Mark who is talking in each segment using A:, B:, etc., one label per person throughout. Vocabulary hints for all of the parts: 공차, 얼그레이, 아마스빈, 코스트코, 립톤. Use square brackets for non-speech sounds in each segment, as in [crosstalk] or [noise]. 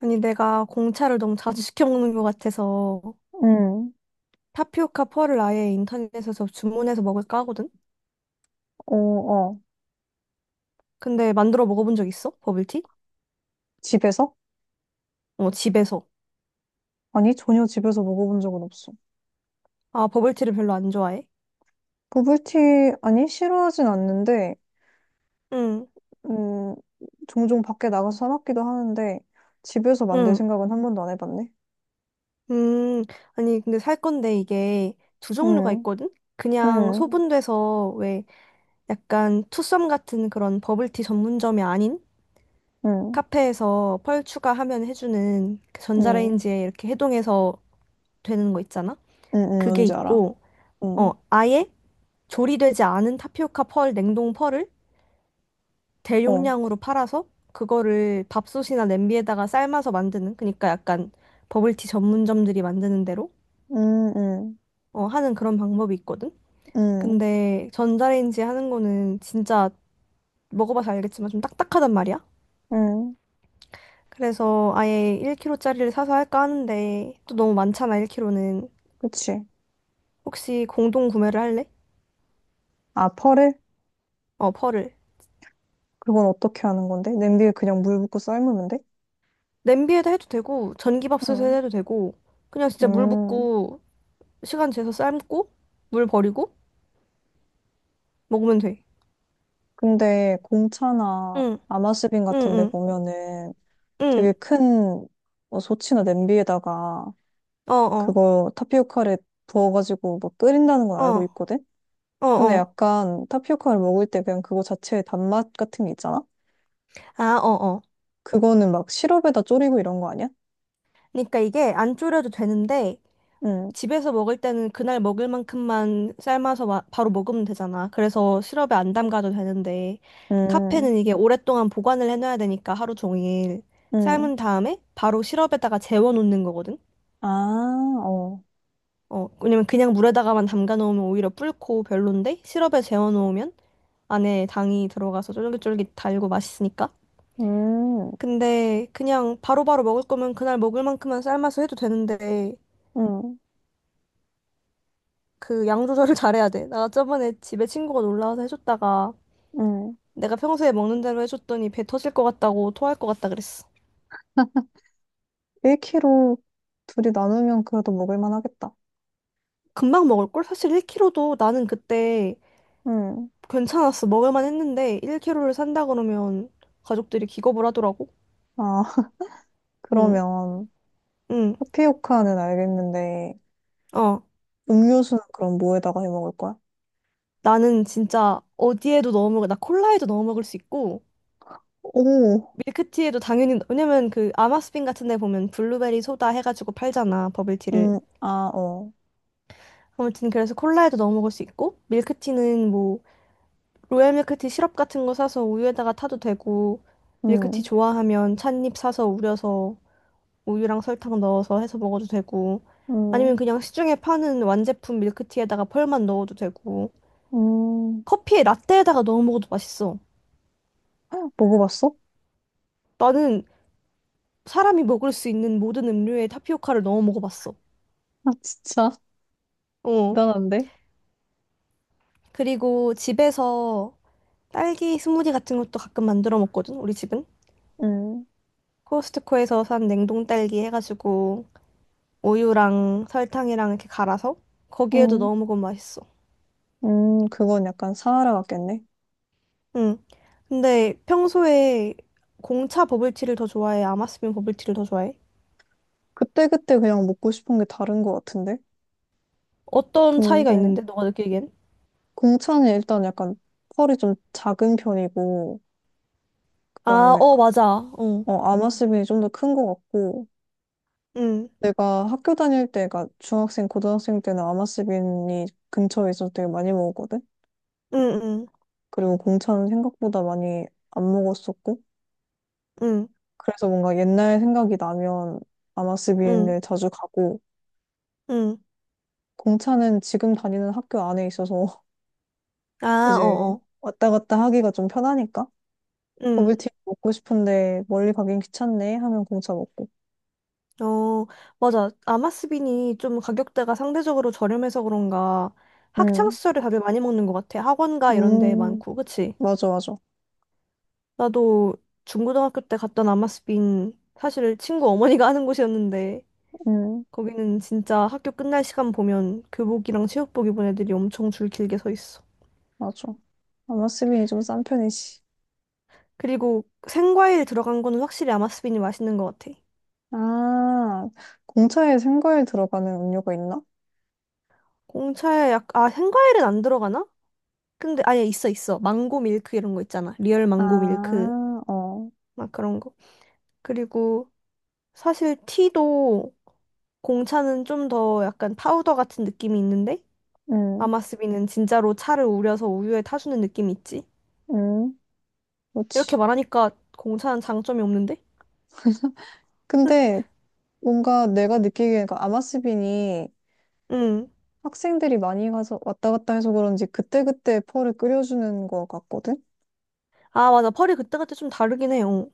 A: 아니, 내가 공차를 너무 자주 시켜 먹는 것 같아서
B: 응,
A: 타피오카 펄을 아예 인터넷에서 주문해서 먹을까 하거든?
B: 어, 어.
A: 근데 만들어 먹어본 적 있어? 버블티?
B: 집에서?
A: 어, 집에서.
B: 아니, 전혀 집에서 먹어본 적은 없어.
A: 아, 버블티를 별로 안 좋아해?
B: 버블티, 아니, 싫어하진 않는데,
A: 응,
B: 음, 종종 밖에 나가서 사 먹기도 하는데, 집에서 만들
A: 응,
B: 생각은 한 번도 안 해봤네.
A: 음. 아니, 근데 살 건데 이게 두 종류가
B: 응,
A: 있거든? 그냥
B: 응,
A: 소분돼서 왜 약간 투썸 같은 그런 버블티 전문점이 아닌
B: 응,
A: 카페에서 펄 추가하면 해주는 그
B: 응, 응,
A: 전자레인지에 이렇게 해동해서 되는 거 있잖아?
B: 응, 응,
A: 그게
B: 뭔지 알아.
A: 있고, 어,
B: 응,
A: 아예 조리되지 않은 타피오카 펄, 냉동 펄을
B: 어,
A: 대용량으로 팔아서 그거를 밥솥이나 냄비에다가 삶아서 만드는, 그러니까 약간 버블티 전문점들이 만드는 대로
B: 응, 응,
A: 어, 하는 그런 방법이 있거든.
B: 응,
A: 근데 전자레인지 하는 거는 진짜 먹어봐서 알겠지만 좀 딱딱하단 말이야.
B: 응,
A: 그래서 아예 1kg짜리를 사서 할까 하는데 또 너무 많잖아, 1kg는.
B: 그치.
A: 혹시 공동 구매를 할래?
B: 아, 펄을?
A: 어, 펄을.
B: 그건 어떻게 하는 건데? 냄비에 그냥 물 붓고 삶으면 돼?
A: 냄비에다 해도 되고 전기밥솥에
B: 응,
A: 해도 되고 그냥 진짜 물
B: 응.
A: 붓고 시간 재서 삶고 물 버리고 먹으면 돼.
B: 근데 공차나
A: 응,
B: 아마스빈
A: 응,
B: 같은 데
A: 응,
B: 보면은 되게
A: 응.
B: 큰뭐치나 냄비에다가
A: 어, 어,
B: 그거 타피오카를 부어가지고 막 끓인다는 건 알고
A: 어,
B: 있거든?
A: 어,
B: 근데
A: 어.
B: 약간 타피오카를 먹을 때 그냥 그거 자체의 단맛 같은 게 있잖아?
A: 아, 어, 어.
B: 그거는 막 시럽에다 졸이고 이런 거 아니야?
A: 그러니까 이게 안 졸여도 되는데
B: 응,
A: 집에서 먹을 때는 그날 먹을 만큼만 삶아서 바로 먹으면 되잖아. 그래서 시럽에 안 담가도 되는데
B: 응,
A: 카페는 이게 오랫동안 보관을 해놔야 되니까 하루 종일
B: 응.
A: 삶은 다음에 바로 시럽에다가 재워놓는 거거든.
B: 아, 어.
A: 어, 왜냐면 그냥 물에다가만 담가 놓으면 오히려 불고 별론데 시럽에 재워 놓으면 안에 당이 들어가서 쫄깃쫄깃 달고 맛있으니까.
B: 음,
A: 근데 그냥 바로바로 먹을 거면 그날 먹을 만큼만 삶아서 해도 되는데
B: 응,
A: 그 양 조절을 [laughs] 잘해야 돼. 나 저번에 집에 친구가 놀라서 해줬다가
B: 응.
A: 내가 평소에 먹는 대로 해줬더니 배 터질 것 같다고 토할 것 같다 그랬어.
B: 1kg 둘이 나누면 그래도 먹을 만하겠다.
A: 금방 먹을걸? 사실 1kg도 나는 그때
B: 응.
A: 괜찮았어. 먹을만 했는데 1kg를 산다 그러면 가족들이 기겁을 하더라고.
B: 아, [laughs]
A: 응,
B: 그러면.
A: 응,
B: 타피오카는 알겠는데,
A: 어.
B: 음료수는 그럼 뭐에다가 해 먹을 거야?
A: 나는 진짜 어디에도 넣어 먹을, 나 콜라에도 넣어 먹을 수 있고,
B: 오,
A: 밀크티에도 당연히 왜냐면 그 아마스빈 같은 데 보면 블루베리 소다 해가지고 팔잖아 버블티를.
B: 아, 어,
A: 아무튼 그래서 콜라에도 넣어 먹을 수 있고 밀크티는 뭐 로얄 밀크티 시럽 같은 거 사서 우유에다가 타도 되고 밀크티
B: 음,
A: 좋아하면 찻잎 사서 우려서 우유랑 설탕 넣어서 해서 먹어도 되고 아니면
B: 음,
A: 그냥 시중에 파는 완제품 밀크티에다가 펄만 넣어도 되고
B: 음.
A: 커피에 라떼에다가 넣어 먹어도 맛있어.
B: 헉, 먹어봤어?
A: 나는 사람이 먹을 수 있는 모든 음료에 타피오카를 넣어 먹어봤어.
B: 아, 진짜,
A: 어.
B: 대단한데?
A: 그리고 집에서 딸기 스무디 같은 것도 가끔 만들어 먹거든, 우리 집은.
B: 음,
A: 코스트코에서 산 냉동 딸기 해가지고 우유랑 설탕이랑 이렇게 갈아서 거기에도
B: 음,
A: 넣어 먹으면 맛있어.
B: 그건 약간 사하라 같겠네.
A: 응. 근데 평소에 공차 버블티를 더 좋아해? 아마스빈 버블티를 더 좋아해?
B: 그때그때 그냥 먹고 싶은 게 다른 것 같은데?
A: 어떤 차이가
B: 근데,
A: 있는데, 너가 느끼기엔?
B: 공차는 일단 약간 펄이 좀 작은 편이고, 그
A: 아,
B: 다음에,
A: 어, 맞아. 어.
B: 어, 아마스빈이 좀 더 큰 것 같고,
A: 응.
B: 내가 학교 다닐 때가 중학생, 고등학생 때는 아마스빈이 근처에 있어서 되게 많이 먹었거든?
A: 응, 응,
B: 그리고 공차는 생각보다 많이 안 먹었었고,
A: 응,
B: 그래서 뭔가 옛날 생각이 나면
A: 응,
B: 아마스빈을 자주 가고,
A: 응.
B: 공차는 지금 다니는 학교 안에 있어서 [laughs]
A: 아, 어,
B: 이제
A: 어.
B: 왔다 갔다 하기가 좀 편하니까,
A: 응.
B: 버블티 먹고 싶은데 멀리 가긴 귀찮네 하면 공차 먹고.
A: 어, 맞아. 아마스빈이 좀 가격대가 상대적으로 저렴해서 그런가 학창
B: 음,
A: 시절에 밥을 많이 먹는 것 같아. 학원가 이런 데
B: 음,
A: 많고, 그치?
B: 맞아, 맞아.
A: 나도 중고등학교 때 갔던 아마스빈 사실 친구 어머니가 [laughs] 하는 곳이었는데
B: 음,
A: 거기는 진짜 학교 끝날 시간 보면 교복이랑 체육복 입은 애들이 엄청 줄 길게 서 있어.
B: 맞아. 아마스빈이 좀 싼 편이지.
A: 그리고 생과일 들어간 거는 확실히 아마스빈이 맛있는 것 같아.
B: 아, 공차에 생과일 들어가는 음료가 있나?
A: 공차에 아, 생과일은 안 들어가나? 근데 아예 있어 있어. 망고 밀크 이런 거 있잖아. 리얼 망고
B: 아,
A: 밀크.
B: 어,
A: 막 그런 거. 그리고 사실 티도 공차는 좀 더 약간 파우더 같은 느낌이 있는데
B: 음,
A: 아마스비는 진짜로 차를 우려서 우유에 타주는 느낌이 있지.
B: 음,
A: 이렇게
B: 그렇지.
A: 말하니까 공차는 장점이 없는데?
B: 근데 뭔가 내가 느끼기에는 그 아마스빈이
A: 응.
B: 학생들이 많이 가서 왔다 갔다 해서 그런지 그때그때 펄을 끓여주는 것 같거든?
A: 아, 맞아. 펄이 그때그때 좀 다르긴 해요.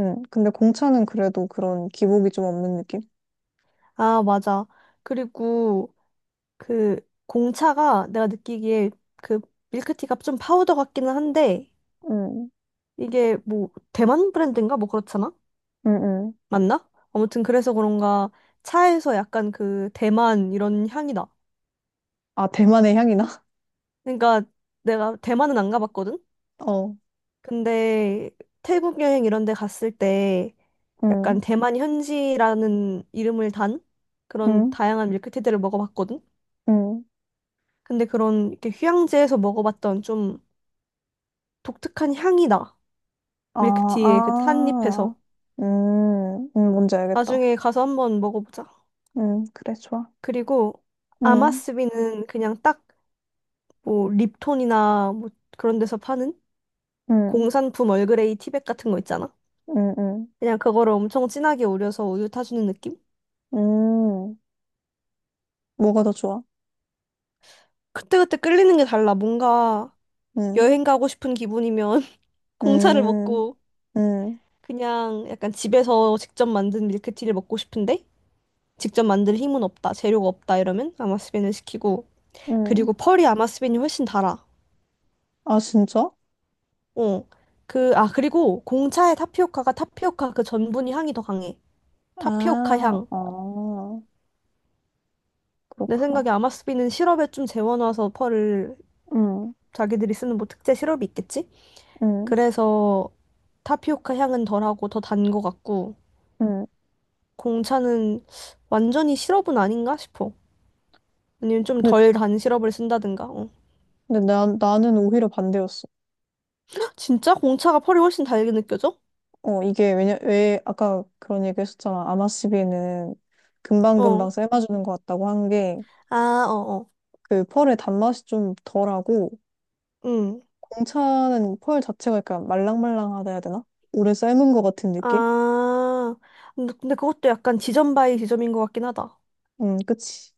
B: 근데 공차는 그래도 그런 기복이 좀 없는 느낌?
A: 아, 맞아. 그리고 그 공차가 내가 느끼기에 그 밀크티가 좀 파우더 같기는 한데
B: 음,
A: 이게 뭐 대만 브랜드인가? 뭐 그렇잖아?
B: 음, 음.
A: 맞나? 아무튼 그래서 그런가 차에서 약간 그 대만 이런 향이 나.
B: 아, 대만의 향이나? [laughs]
A: 그러니까 내가 대만은 안 가봤거든?
B: 어,
A: 근데 태국 여행 이런 데 갔을 때 약간
B: 음,
A: 대만 현지라는 이름을 단 그런
B: 음,
A: 다양한 밀크티들을 먹어봤거든?
B: 음.
A: 근데 그런 이렇게 휴양지에서 먹어봤던 좀 독특한 향이 나.
B: 아,
A: 밀크티의 그
B: 아,
A: 산잎에서.
B: 뭔지 알겠다.
A: 나중에 가서 한번 먹어보자.
B: 그래, 좋아.
A: 그리고
B: 음,
A: 아마스비는 그냥 딱 뭐 립톤이나 뭐 그런 데서 파는
B: 음,
A: 공산품 얼그레이 티백 같은 거 있잖아.
B: 음, 음,
A: 그냥 그거를 엄청 진하게 우려서 우유 타주는 느낌?
B: 음. 뭐가 더 좋아?
A: 그때그때 끌리는 게 달라. 뭔가
B: 음,
A: 여행 가고 싶은 기분이면 [laughs] 공차를
B: 음,
A: 먹고
B: 음,
A: 그냥 약간 집에서 직접 만든 밀크티를 먹고 싶은데 직접 만들 힘은 없다, 재료가 없다 이러면 아마스빈을 시키고
B: 음.
A: 그리고 펄이 아마스빈이 훨씬 달아.
B: 아, 진짜?
A: 어. 아, 그리고 공차의 타피오카가 타피오카 그 전분이 향이 더 강해. 타피오카
B: 아,
A: 향.
B: 어,
A: 내
B: 그렇구나.
A: 생각에 아마스빈은 시럽에 좀 재워놔서 펄을
B: 음,
A: 자기들이 쓰는 뭐 특제 시럽이 있겠지?
B: 음,
A: 그래서 타피오카 향은 덜하고 더 단 거 같고
B: 음.
A: 공차는 완전히 시럽은 아닌가 싶어. 아니면 좀
B: 근데,
A: 덜 단 시럽을 쓴다든가. 어.
B: 근데 나는 오히려 반대였어.
A: 헉, 진짜 공차가 펄이 훨씬 달게 느껴져?
B: 어, 이게 왜 아까 그런 얘기 했었잖아. 아마시비는
A: 어.
B: 금방금방 삶아주는 것 같다고 한 게,
A: 아, 어, 어.
B: 그 펄의 단맛이 좀 덜하고,
A: 응.
B: 공차는 펄 자체가 약간 말랑말랑하다 해야 되나? 오래 삶은 것 같은 느낌?
A: 아. 근데 그것도 약간 지점 바이 지점인 것 같긴 하다.
B: 그치.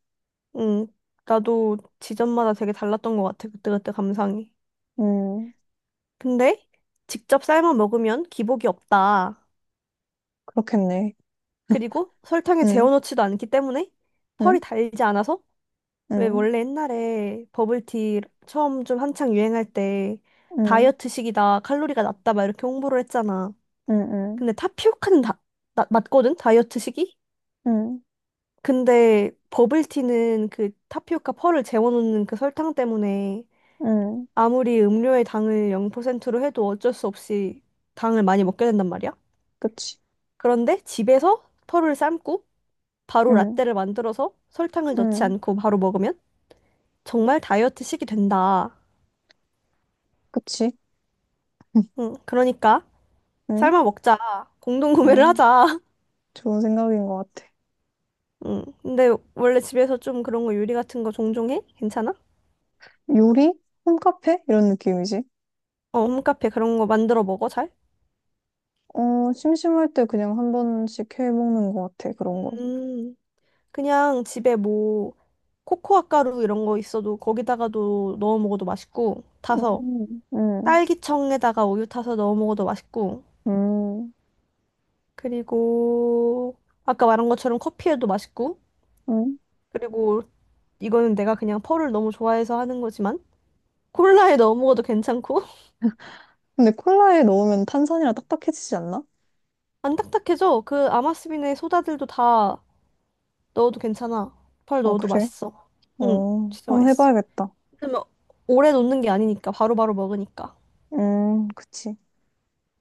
A: 응. 나도 지점마다 되게 달랐던 것 같아. 그때그때 감상이.
B: 음,
A: 근데 직접 삶아 먹으면 기복이 없다.
B: 그렇겠네.
A: 그리고 설탕에
B: 음,
A: 재워놓지도 않기 때문에
B: 음,
A: 펄이 달지 않아서 왜
B: 음,
A: 원래 옛날에 버블티 처음 좀 한창 유행할 때
B: 음,
A: 다이어트식이다 칼로리가 낮다 막 이렇게 홍보를 했잖아.
B: 음, 음,
A: 근데 타피오카는 다, 낮거든 다이어트식이.
B: 음,
A: 근데 버블티는 그 타피오카 펄을 재워놓는 그 설탕 때문에
B: 음,
A: 아무리 음료의 당을 0%로 해도 어쩔 수 없이 당을 많이 먹게 된단 말이야.
B: 그치.
A: 그런데 집에서 펄을 삶고 바로
B: 음,
A: 라떼를 만들어서 설탕을 넣지
B: 음,
A: 않고 바로 먹으면 정말 다이어트식이 된다.
B: 그치. [laughs]
A: 응, 그러니까
B: 음,
A: 삶아 먹자. 공동 구매를
B: 음,
A: 하자.
B: 좋은 생각인 것 같아.
A: [laughs] 응, 근데 원래 집에서 좀 그런 거 요리 같은 거 종종 해? 괜찮아?
B: 요리? 홈카페? 이런 느낌이지.
A: 어, 홈카페 그런 거 만들어 먹어, 잘?
B: 어, 심심할 때 그냥 한 번씩 해 먹는 것 같아, 그런 거.
A: 음, 그냥 집에 뭐 코코아 가루 이런 거 있어도 거기다가도 넣어 먹어도 맛있고 타서
B: 음, 음,
A: 딸기청에다가 우유 타서 넣어 먹어도 맛있고
B: 음,
A: 그리고 아까 말한 것처럼 커피에도 맛있고
B: 음.
A: 그리고 이거는 내가 그냥 펄을 너무 좋아해서 하는 거지만 콜라에 넣어 먹어도 괜찮고. [laughs]
B: 근데 콜라에 넣으면 탄산이라 딱딱해지지 않나?
A: 안 딱딱해져. 그 아마스빈의 소다들도 다 넣어도 괜찮아. 펄
B: 아,
A: 넣어도
B: 그래?
A: 맛있어.
B: 어,
A: 응, 진짜
B: 한번
A: 맛있어.
B: 해봐야겠다.
A: 그러면 오래 놓는 게 아니니까 바로바로 먹으니까.
B: 그치.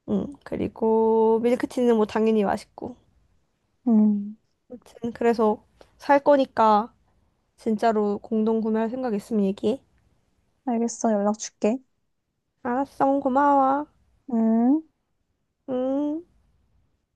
A: 응, 그리고 밀크티는 뭐 당연히 맛있고.
B: 음.
A: 아무튼 그래서 살 거니까 진짜로 공동 구매할 생각 있으면 얘기해.
B: 알겠어. 연락 줄게.
A: 알았어, 고마워.
B: 응?
A: 응.